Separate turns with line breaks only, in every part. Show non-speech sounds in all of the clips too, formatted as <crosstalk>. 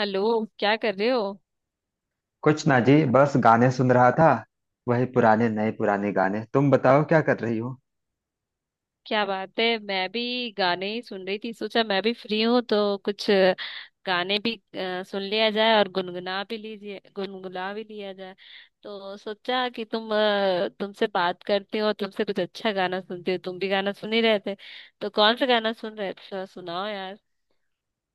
Hello, क्या कर रहे हो?
कुछ ना जी, बस गाने सुन रहा था। वही पुराने, नए पुराने गाने। तुम बताओ, क्या कर रही हो?
क्या बात है, मैं भी गाने ही सुन रही थी। सोचा मैं भी फ्री हूँ तो कुछ गाने भी सुन लिया जाए और गुनगुना भी लीजिए, गुनगुना भी लिया जाए। तो सोचा कि तुमसे बात करती हो, तुमसे कुछ अच्छा गाना सुनती हो, तुम भी गाना सुन ही रहे थे तो कौन सा गाना सुन रहे थे, थोड़ा सुनाओ यार।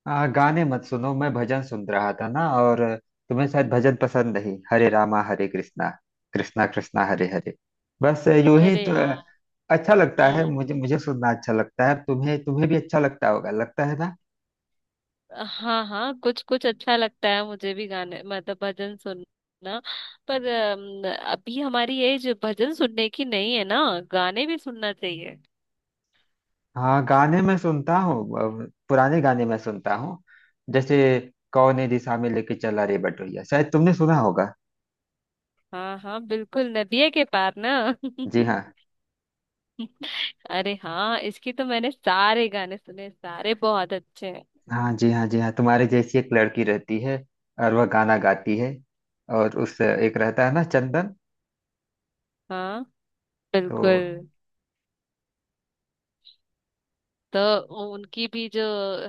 गाने मत सुनो, मैं भजन सुन रहा था ना। और तुम्हें शायद भजन पसंद नहीं। हरे रामा हरे कृष्णा, कृष्णा कृष्णा हरे हरे। बस यूं ही
अरे
तो
यार।
अच्छा लगता है
हम्म।
मुझे, सुनना अच्छा लगता है। तुम्हें तुम्हें भी अच्छा लगता होगा, लगता है ना?
हाँ हाँ, कुछ कुछ अच्छा लगता है मुझे भी गाने मतलब भजन सुनना। पर अभी हमारी एज भजन सुनने की नहीं है ना, गाने भी सुनना चाहिए।
हाँ, गाने मैं सुनता हूँ। पुराने गाने मैं सुनता हूँ, जैसे कौने दिशा में लेके चला रे बटोहिया। शायद तुमने सुना होगा।
हाँ हाँ, बिल्कुल, नदिया के पार ना।
जी हाँ।
<laughs> अरे हाँ, इसकी तो मैंने सारे गाने सुने, सारे बहुत अच्छे हैं।
हाँ जी, हाँ जी, हाँ, तुम्हारे जैसी एक लड़की रहती है और वह गाना गाती है, और उस एक रहता है ना, चंदन।
हाँ,
तो
बिल्कुल। तो उनकी भी जो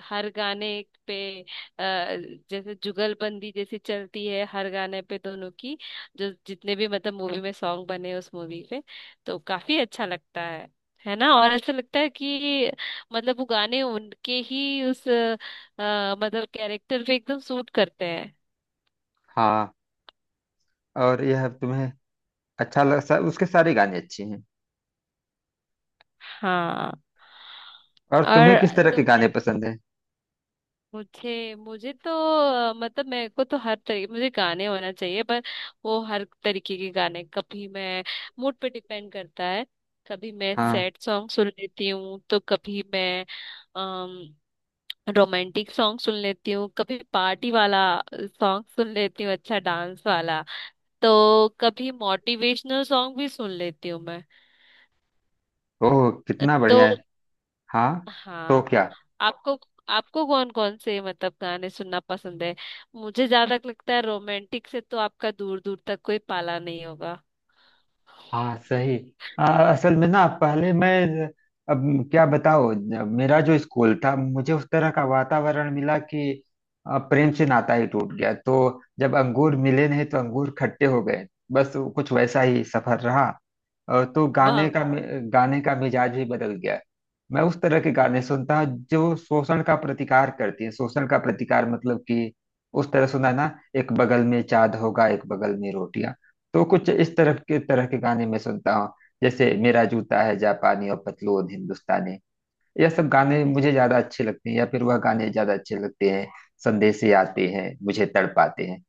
हर गाने पे अ, जैसे जुगलबंदी जैसी चलती है हर गाने पे दोनों की, जो जितने भी मतलब मूवी में सॉन्ग बने उस मूवी पे, तो काफी अच्छा लगता है ना? और ऐसा लगता है कि मतलब वो गाने उनके ही उस मतलब कैरेक्टर पे एकदम सूट करते हैं।
हाँ, और यह तुम्हें उसके सारे गाने अच्छे हैं।
हाँ,
और तुम्हें किस
और
तरह के
तुमने
गाने पसंद है?
मुझे मुझे तो मतलब मेरे को तो हर तरीके मुझे गाने होना चाहिए, पर वो हर तरीके के गाने कभी मैं, मूड पे डिपेंड करता है। कभी मैं
हाँ।
सैड सॉन्ग सुन लेती हूँ, तो कभी मैं रोमांटिक सॉन्ग सुन लेती हूँ, कभी पार्टी वाला सॉन्ग सुन लेती हूँ, अच्छा डांस वाला, तो कभी मोटिवेशनल सॉन्ग भी सुन लेती हूँ मैं।
ओह, कितना बढ़िया
तो
है। हाँ, तो
हाँ,
क्या।
आपको आपको कौन कौन से मतलब गाने सुनना पसंद है? मुझे ज्यादा लगता है रोमांटिक से तो आपका दूर दूर तक कोई पाला नहीं होगा।
हाँ सही। आ, असल में ना, पहले मैं, अब क्या बताओ, मेरा जो स्कूल था, मुझे उस तरह का वातावरण मिला कि प्रेम से नाता ही टूट गया। तो जब अंगूर मिले नहीं तो अंगूर खट्टे हो गए। बस कुछ वैसा ही सफर रहा, और तो
वाह।
गाने का मिजाज ही बदल गया है। मैं उस तरह के गाने सुनता हूँ जो शोषण का प्रतिकार करती है। शोषण का प्रतिकार मतलब कि उस तरह सुना ना, एक बगल में चाँद होगा, एक बगल में रोटियां। तो कुछ इस तरह के गाने मैं सुनता हूँ। जैसे मेरा जूता है जापानी और पतलून हिंदुस्तानी। यह सब गाने मुझे ज्यादा अच्छे लगते हैं, या फिर वह गाने ज्यादा अच्छे लगते हैं। संदेशे आते हैं मुझे तड़पाते हैं।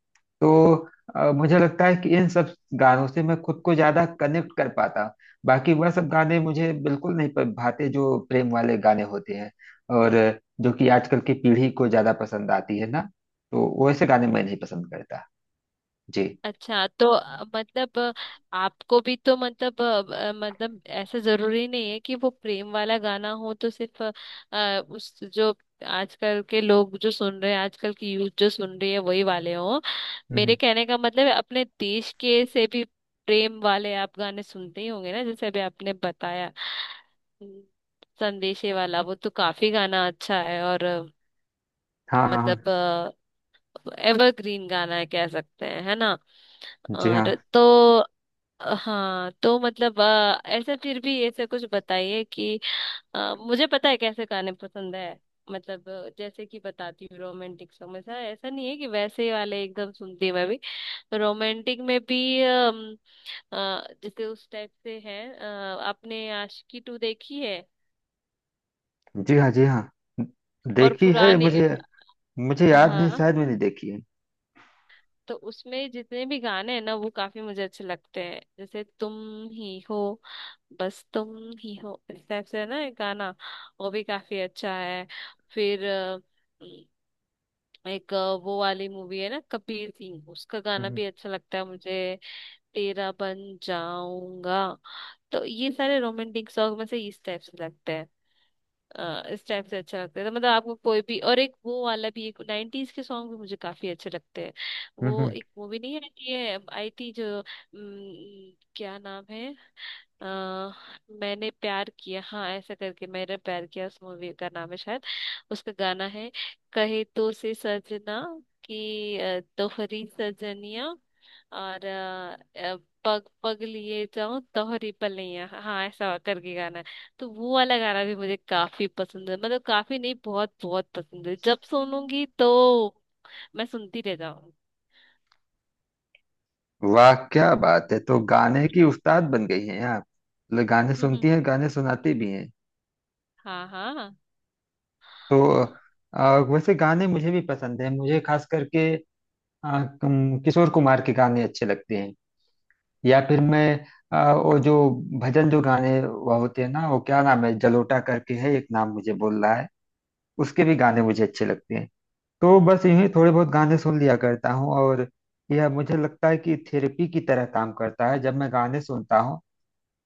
तो मुझे लगता है कि इन सब गानों से मैं खुद को ज्यादा कनेक्ट कर पाता हूँ। बाकी वह सब गाने मुझे बिल्कुल नहीं भाते, जो प्रेम वाले गाने होते हैं और जो कि आजकल की पीढ़ी को ज्यादा पसंद आती है ना। तो वैसे गाने मैं नहीं पसंद करता। जी।
अच्छा, तो मतलब आपको भी तो मतलब मतलब ऐसा जरूरी नहीं है कि वो प्रेम वाला गाना हो तो सिर्फ उस जो आजकल के लोग जो सुन रहे हैं, आजकल की यूथ जो सुन रही है वही वाले हो।
हम्म
मेरे कहने का मतलब है, अपने देश के से भी प्रेम वाले आप गाने सुनते ही होंगे ना, जैसे अभी आपने बताया। हम्म, संदेशे वाला वो तो काफी गाना अच्छा है और
हाँ हाँ हाँ।
मतलब एवरग्रीन गाना है, कह सकते हैं, है ना?
जी हाँ,
और तो हाँ, तो मतलब ऐसे फिर भी ऐसे कुछ बताइए कि मुझे पता है कैसे गाने पसंद है, मतलब जैसे कि बताती हूँ, रोमांटिक सॉन्ग ऐसा ऐसा नहीं है कि वैसे ही वाले एकदम सुनती हूँ मैं भी। रोमांटिक में भी जैसे उस टाइप से है, आपने आशिकी टू देखी है?
जी हाँ, जी हाँ,
और
देखी है।
पुराने।
मुझे मुझे याद नहीं,
हाँ,
शायद मैंने देखी है।
तो उसमें जितने भी गाने हैं ना वो काफी मुझे अच्छे लगते हैं, जैसे तुम ही हो, बस तुम ही हो, इस टाइप से है ना एक गाना, वो भी काफी अच्छा है। फिर एक अ, वो वाली मूवी है ना, कबीर सिंह, उसका गाना
हम्म।
भी अच्छा लगता है मुझे, तेरा बन जाऊंगा। तो ये सारे रोमांटिक सॉन्ग में से इस टाइप से लगते हैं। इस टाइप से अच्छा लगता है, तो मतलब आपको कोई भी, और एक वो वाला भी, एक 90s के सॉन्ग भी मुझे काफी अच्छे लगते हैं। वो
हम्म।
एक मूवी नहीं है ये आई थी, जो क्या नाम है, अ, मैंने प्यार किया, हाँ, ऐसा करके, मैंने प्यार किया उस मूवी का नाम है शायद। उसका गाना है, कहे तो से सजना, कि तोहरी सजनिया, और पग पग लिए जाऊं तोहरी पलैया, हाँ ऐसा करके गाना है। तो वो वाला गाना भी मुझे काफी पसंद है, मतलब काफी नहीं, बहुत बहुत पसंद है, जब सुनूंगी तो मैं सुनती रह जाऊंगी।
वाह क्या बात है। तो गाने की उस्ताद बन गई हैं आप। मतलब गाने सुनती हैं,
<laughs>
गाने सुनाती भी हैं।
हाँ हाँ,
तो वैसे गाने मुझे भी पसंद हैं। मुझे खास करके अ, किशोर कुमार के गाने अच्छे लगते हैं। या फिर मैं वो जो भजन जो गाने वो होते हैं ना, वो क्या नाम है, जलोटा करके है एक नाम, मुझे बोल रहा है। उसके भी गाने मुझे अच्छे लगते हैं। तो बस यूं ही थोड़े बहुत गाने सुन लिया करता हूँ। और यह मुझे लगता है कि थेरेपी की तरह काम करता है। जब मैं गाने सुनता हूँ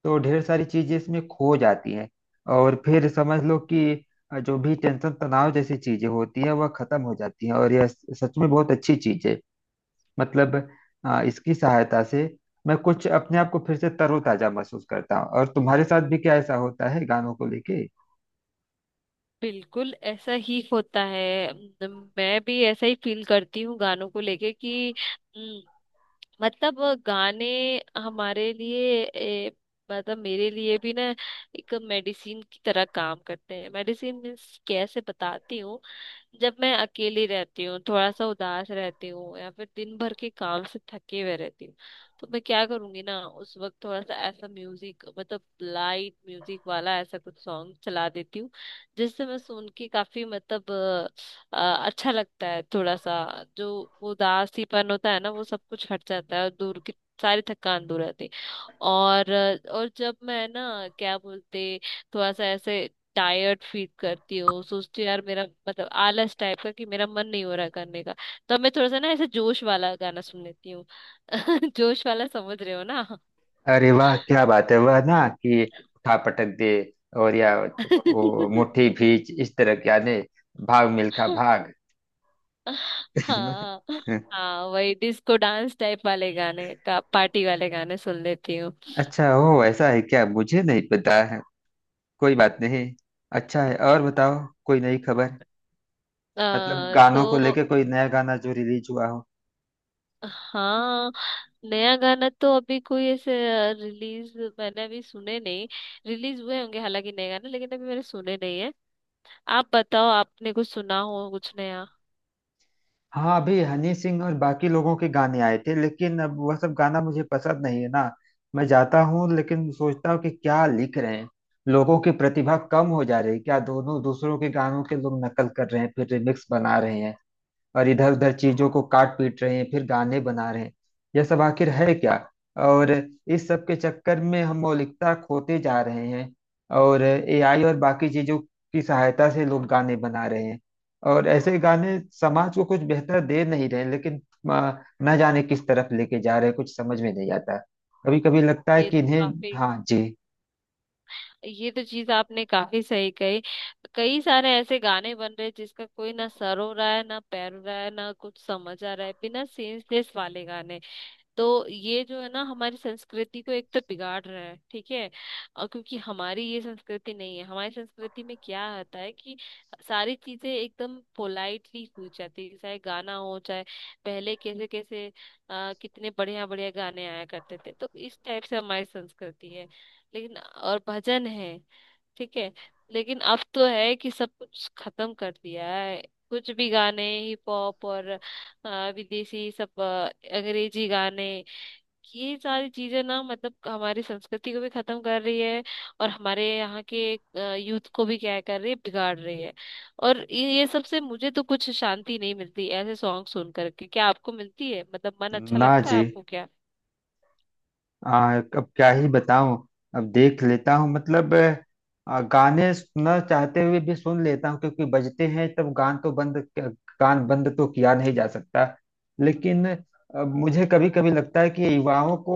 तो ढेर सारी चीजें इसमें खो जाती हैं, और फिर समझ लो कि जो भी टेंशन, तनाव जैसी चीजें होती है वह खत्म हो जाती हैं, और यह सच में बहुत अच्छी चीज है। मतलब इसकी सहायता से मैं कुछ अपने आप को फिर से तरोताजा महसूस करता हूँ। और तुम्हारे साथ भी क्या ऐसा होता है गानों को लेके?
बिल्कुल ऐसा ही होता है, मैं भी ऐसा ही फील करती हूँ गानों को लेके कि म, मतलब गाने हमारे लिए मतलब मेरे लिए भी ना एक मेडिसिन की तरह काम करते हैं। मेडिसिन मीन्स कैसे, बताती हूँ। जब मैं अकेली रहती हूँ, थोड़ा सा उदास रहती हूँ या फिर दिन भर के काम से थके हुए रहती हूँ, तो मैं क्या करूंगी ना, उस वक्त थोड़ा सा ऐसा म्यूजिक, मतलब लाइट म्यूजिक वाला ऐसा कुछ सॉन्ग चला देती हूँ, जिससे मैं सुन के काफी मतलब अच्छा लगता है, थोड़ा सा जो उदासीपन होता है ना वो सब कुछ हट जाता है और दूर की सारी थकान दूर रहती है। और और जब मैं ना, क्या बोलते, थोड़ा सा ऐसे टायर्ड फील करती हूँ, सोचती हूँ यार, मेरा मतलब आलस टाइप का कि मेरा मन नहीं हो रहा करने का, तब मैं थोड़ा सा ना ऐसे जोश वाला गाना सुन लेती हूँ। <laughs> जोश वाला समझ रहे हो ना।
अरे वाह क्या बात है। वह ना कि उठा पटक दे, और या वो
<laughs>
मुट्ठी भींच, इस तरह के आने, भाग मिल्खा भाग। <laughs>
हाँ हाँ, वही डिस्को डांस टाइप वाले गाने का, पार्टी वाले गाने सुन लेती हूँ।
अच्छा, हो ऐसा है क्या, मुझे नहीं पता। कोई बात नहीं। अच्छा है, और बताओ कोई नई खबर, मतलब गानों
तो
को लेके कोई नया गाना जो रिलीज हुआ हो?
हाँ, नया गाना तो अभी कोई ऐसे रिलीज मैंने अभी सुने नहीं, रिलीज हुए होंगे हालांकि नए गाने, लेकिन अभी मैंने सुने नहीं है। आप बताओ, आपने कुछ सुना हो कुछ नया?
हाँ, अभी हनी सिंह और बाकी लोगों के गाने आए थे, लेकिन अब वह सब गाना मुझे पसंद नहीं है ना। मैं जाता हूँ लेकिन सोचता हूँ कि क्या लिख रहे हैं। लोगों की प्रतिभा कम हो जा रही है क्या? दोनों दूसरों के गानों के लोग नकल कर रहे हैं, फिर रिमिक्स बना रहे हैं, और इधर उधर चीजों को काट पीट रहे हैं, फिर गाने बना रहे हैं। यह सब आखिर है क्या? और इस सब के चक्कर में हम मौलिकता खोते जा रहे हैं। और एआई और बाकी चीजों की सहायता से लोग गाने बना रहे हैं, और ऐसे गाने समाज को कुछ बेहतर दे नहीं रहे लेकिन आ, न जाने किस तरफ लेके जा रहे हैं, कुछ समझ में नहीं आता। कभी कभी लगता है
ये
कि
तो
इन्हें,
काफी,
हाँ जी।
ये तो चीज आपने काफी सही कही। कई सारे ऐसे गाने बन रहे हैं जिसका कोई ना सर हो रहा है ना पैर हो रहा है ना कुछ समझ आ रहा है, बिना सेंसलेस वाले गाने। तो ये जो है ना हमारी संस्कृति को एक तो बिगाड़ रहा है, ठीक है? और क्योंकि हमारी ये संस्कृति नहीं है, हमारी संस्कृति में क्या होता है कि सारी चीजें एकदम पोलाइटली हो जाती है, चाहे गाना हो चाहे, पहले कैसे कैसे कितने बढ़िया बढ़िया गाने आया करते थे, तो इस टाइप से हमारी संस्कृति है, लेकिन और भजन है, ठीक है। लेकिन अब तो है कि सब कुछ खत्म कर दिया है, कुछ भी गाने हिप हॉप और विदेशी सब अंग्रेजी गाने, ये सारी चीजें ना मतलब हमारी संस्कृति को भी खत्म कर रही है और हमारे यहाँ के यूथ को भी क्या कर रही है, बिगाड़ रही है। और ये सब से मुझे तो कुछ शांति नहीं मिलती ऐसे सॉन्ग सुन करके, क्या आपको मिलती है? मतलब मन अच्छा
ना
लगता है
जी,
आपको क्या?
अब क्या ही बताऊं। अब देख लेता हूं, मतलब गाने सुनना चाहते हुए भी सुन लेता हूं, क्योंकि बजते हैं तब गान बंद तो किया नहीं जा सकता। लेकिन अब मुझे कभी कभी लगता है कि युवाओं को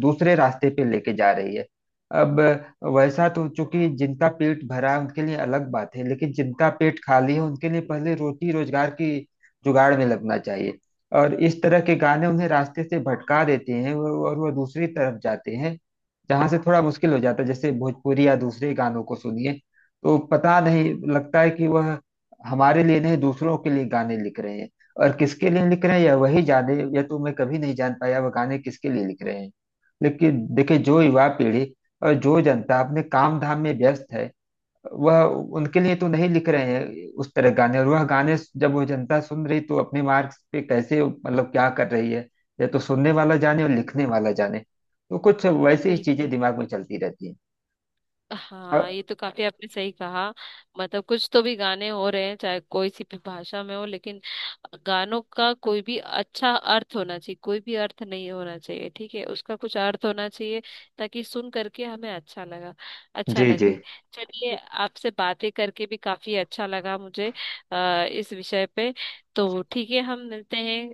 दूसरे रास्ते पे लेके जा रही है। अब वैसा तो चूंकि जिनका पेट भरा है उनके लिए अलग बात है, लेकिन जिनका पेट खाली है उनके लिए पहले रोटी रोजगार की जुगाड़ में लगना चाहिए। और इस तरह के गाने उन्हें रास्ते से भटका देते हैं, और वह दूसरी तरफ जाते हैं जहां से थोड़ा मुश्किल हो जाता है। जैसे भोजपुरी या दूसरे गानों को सुनिए, तो पता नहीं लगता है कि वह हमारे लिए नहीं, दूसरों के लिए गाने लिख रहे हैं। और किसके लिए लिख रहे हैं यह वही जाने, या तो मैं कभी नहीं जान पाया वह गाने किसके लिए लिख रहे हैं। लेकिन देखिए, जो युवा पीढ़ी और जो जनता अपने काम धाम में व्यस्त है, वह, उनके लिए तो नहीं लिख रहे हैं उस तरह गाने। और वह गाने जब वो जनता सुन रही तो अपने मार्क्स पे कैसे, मतलब क्या कर रही है, या तो सुनने वाला जाने और लिखने वाला जाने। तो कुछ वैसी ही चीजें
बिल्कुल,
दिमाग में चलती रहती हैं। अ,
हाँ, ये तो काफी आपने सही कहा। मतलब कुछ तो भी गाने हो रहे हैं चाहे कोई सी भी भाषा में हो, लेकिन गानों का कोई भी अच्छा अर्थ होना चाहिए, कोई भी अर्थ नहीं होना चाहिए, ठीक है, उसका कुछ अर्थ होना चाहिए, ताकि सुन करके हमें अच्छा लगा, अच्छा
जी जी।
लगे। चलिए आपसे बातें करके भी काफी अच्छा लगा मुझे, इस विषय पे, तो ठीक है हम मिलते हैं,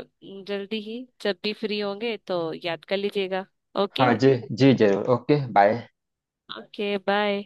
आ, जल्दी ही जब भी फ्री होंगे तो याद कर लीजिएगा। ओके।
हाँ जी जी, जरूर। Okay bye.
Okay bye.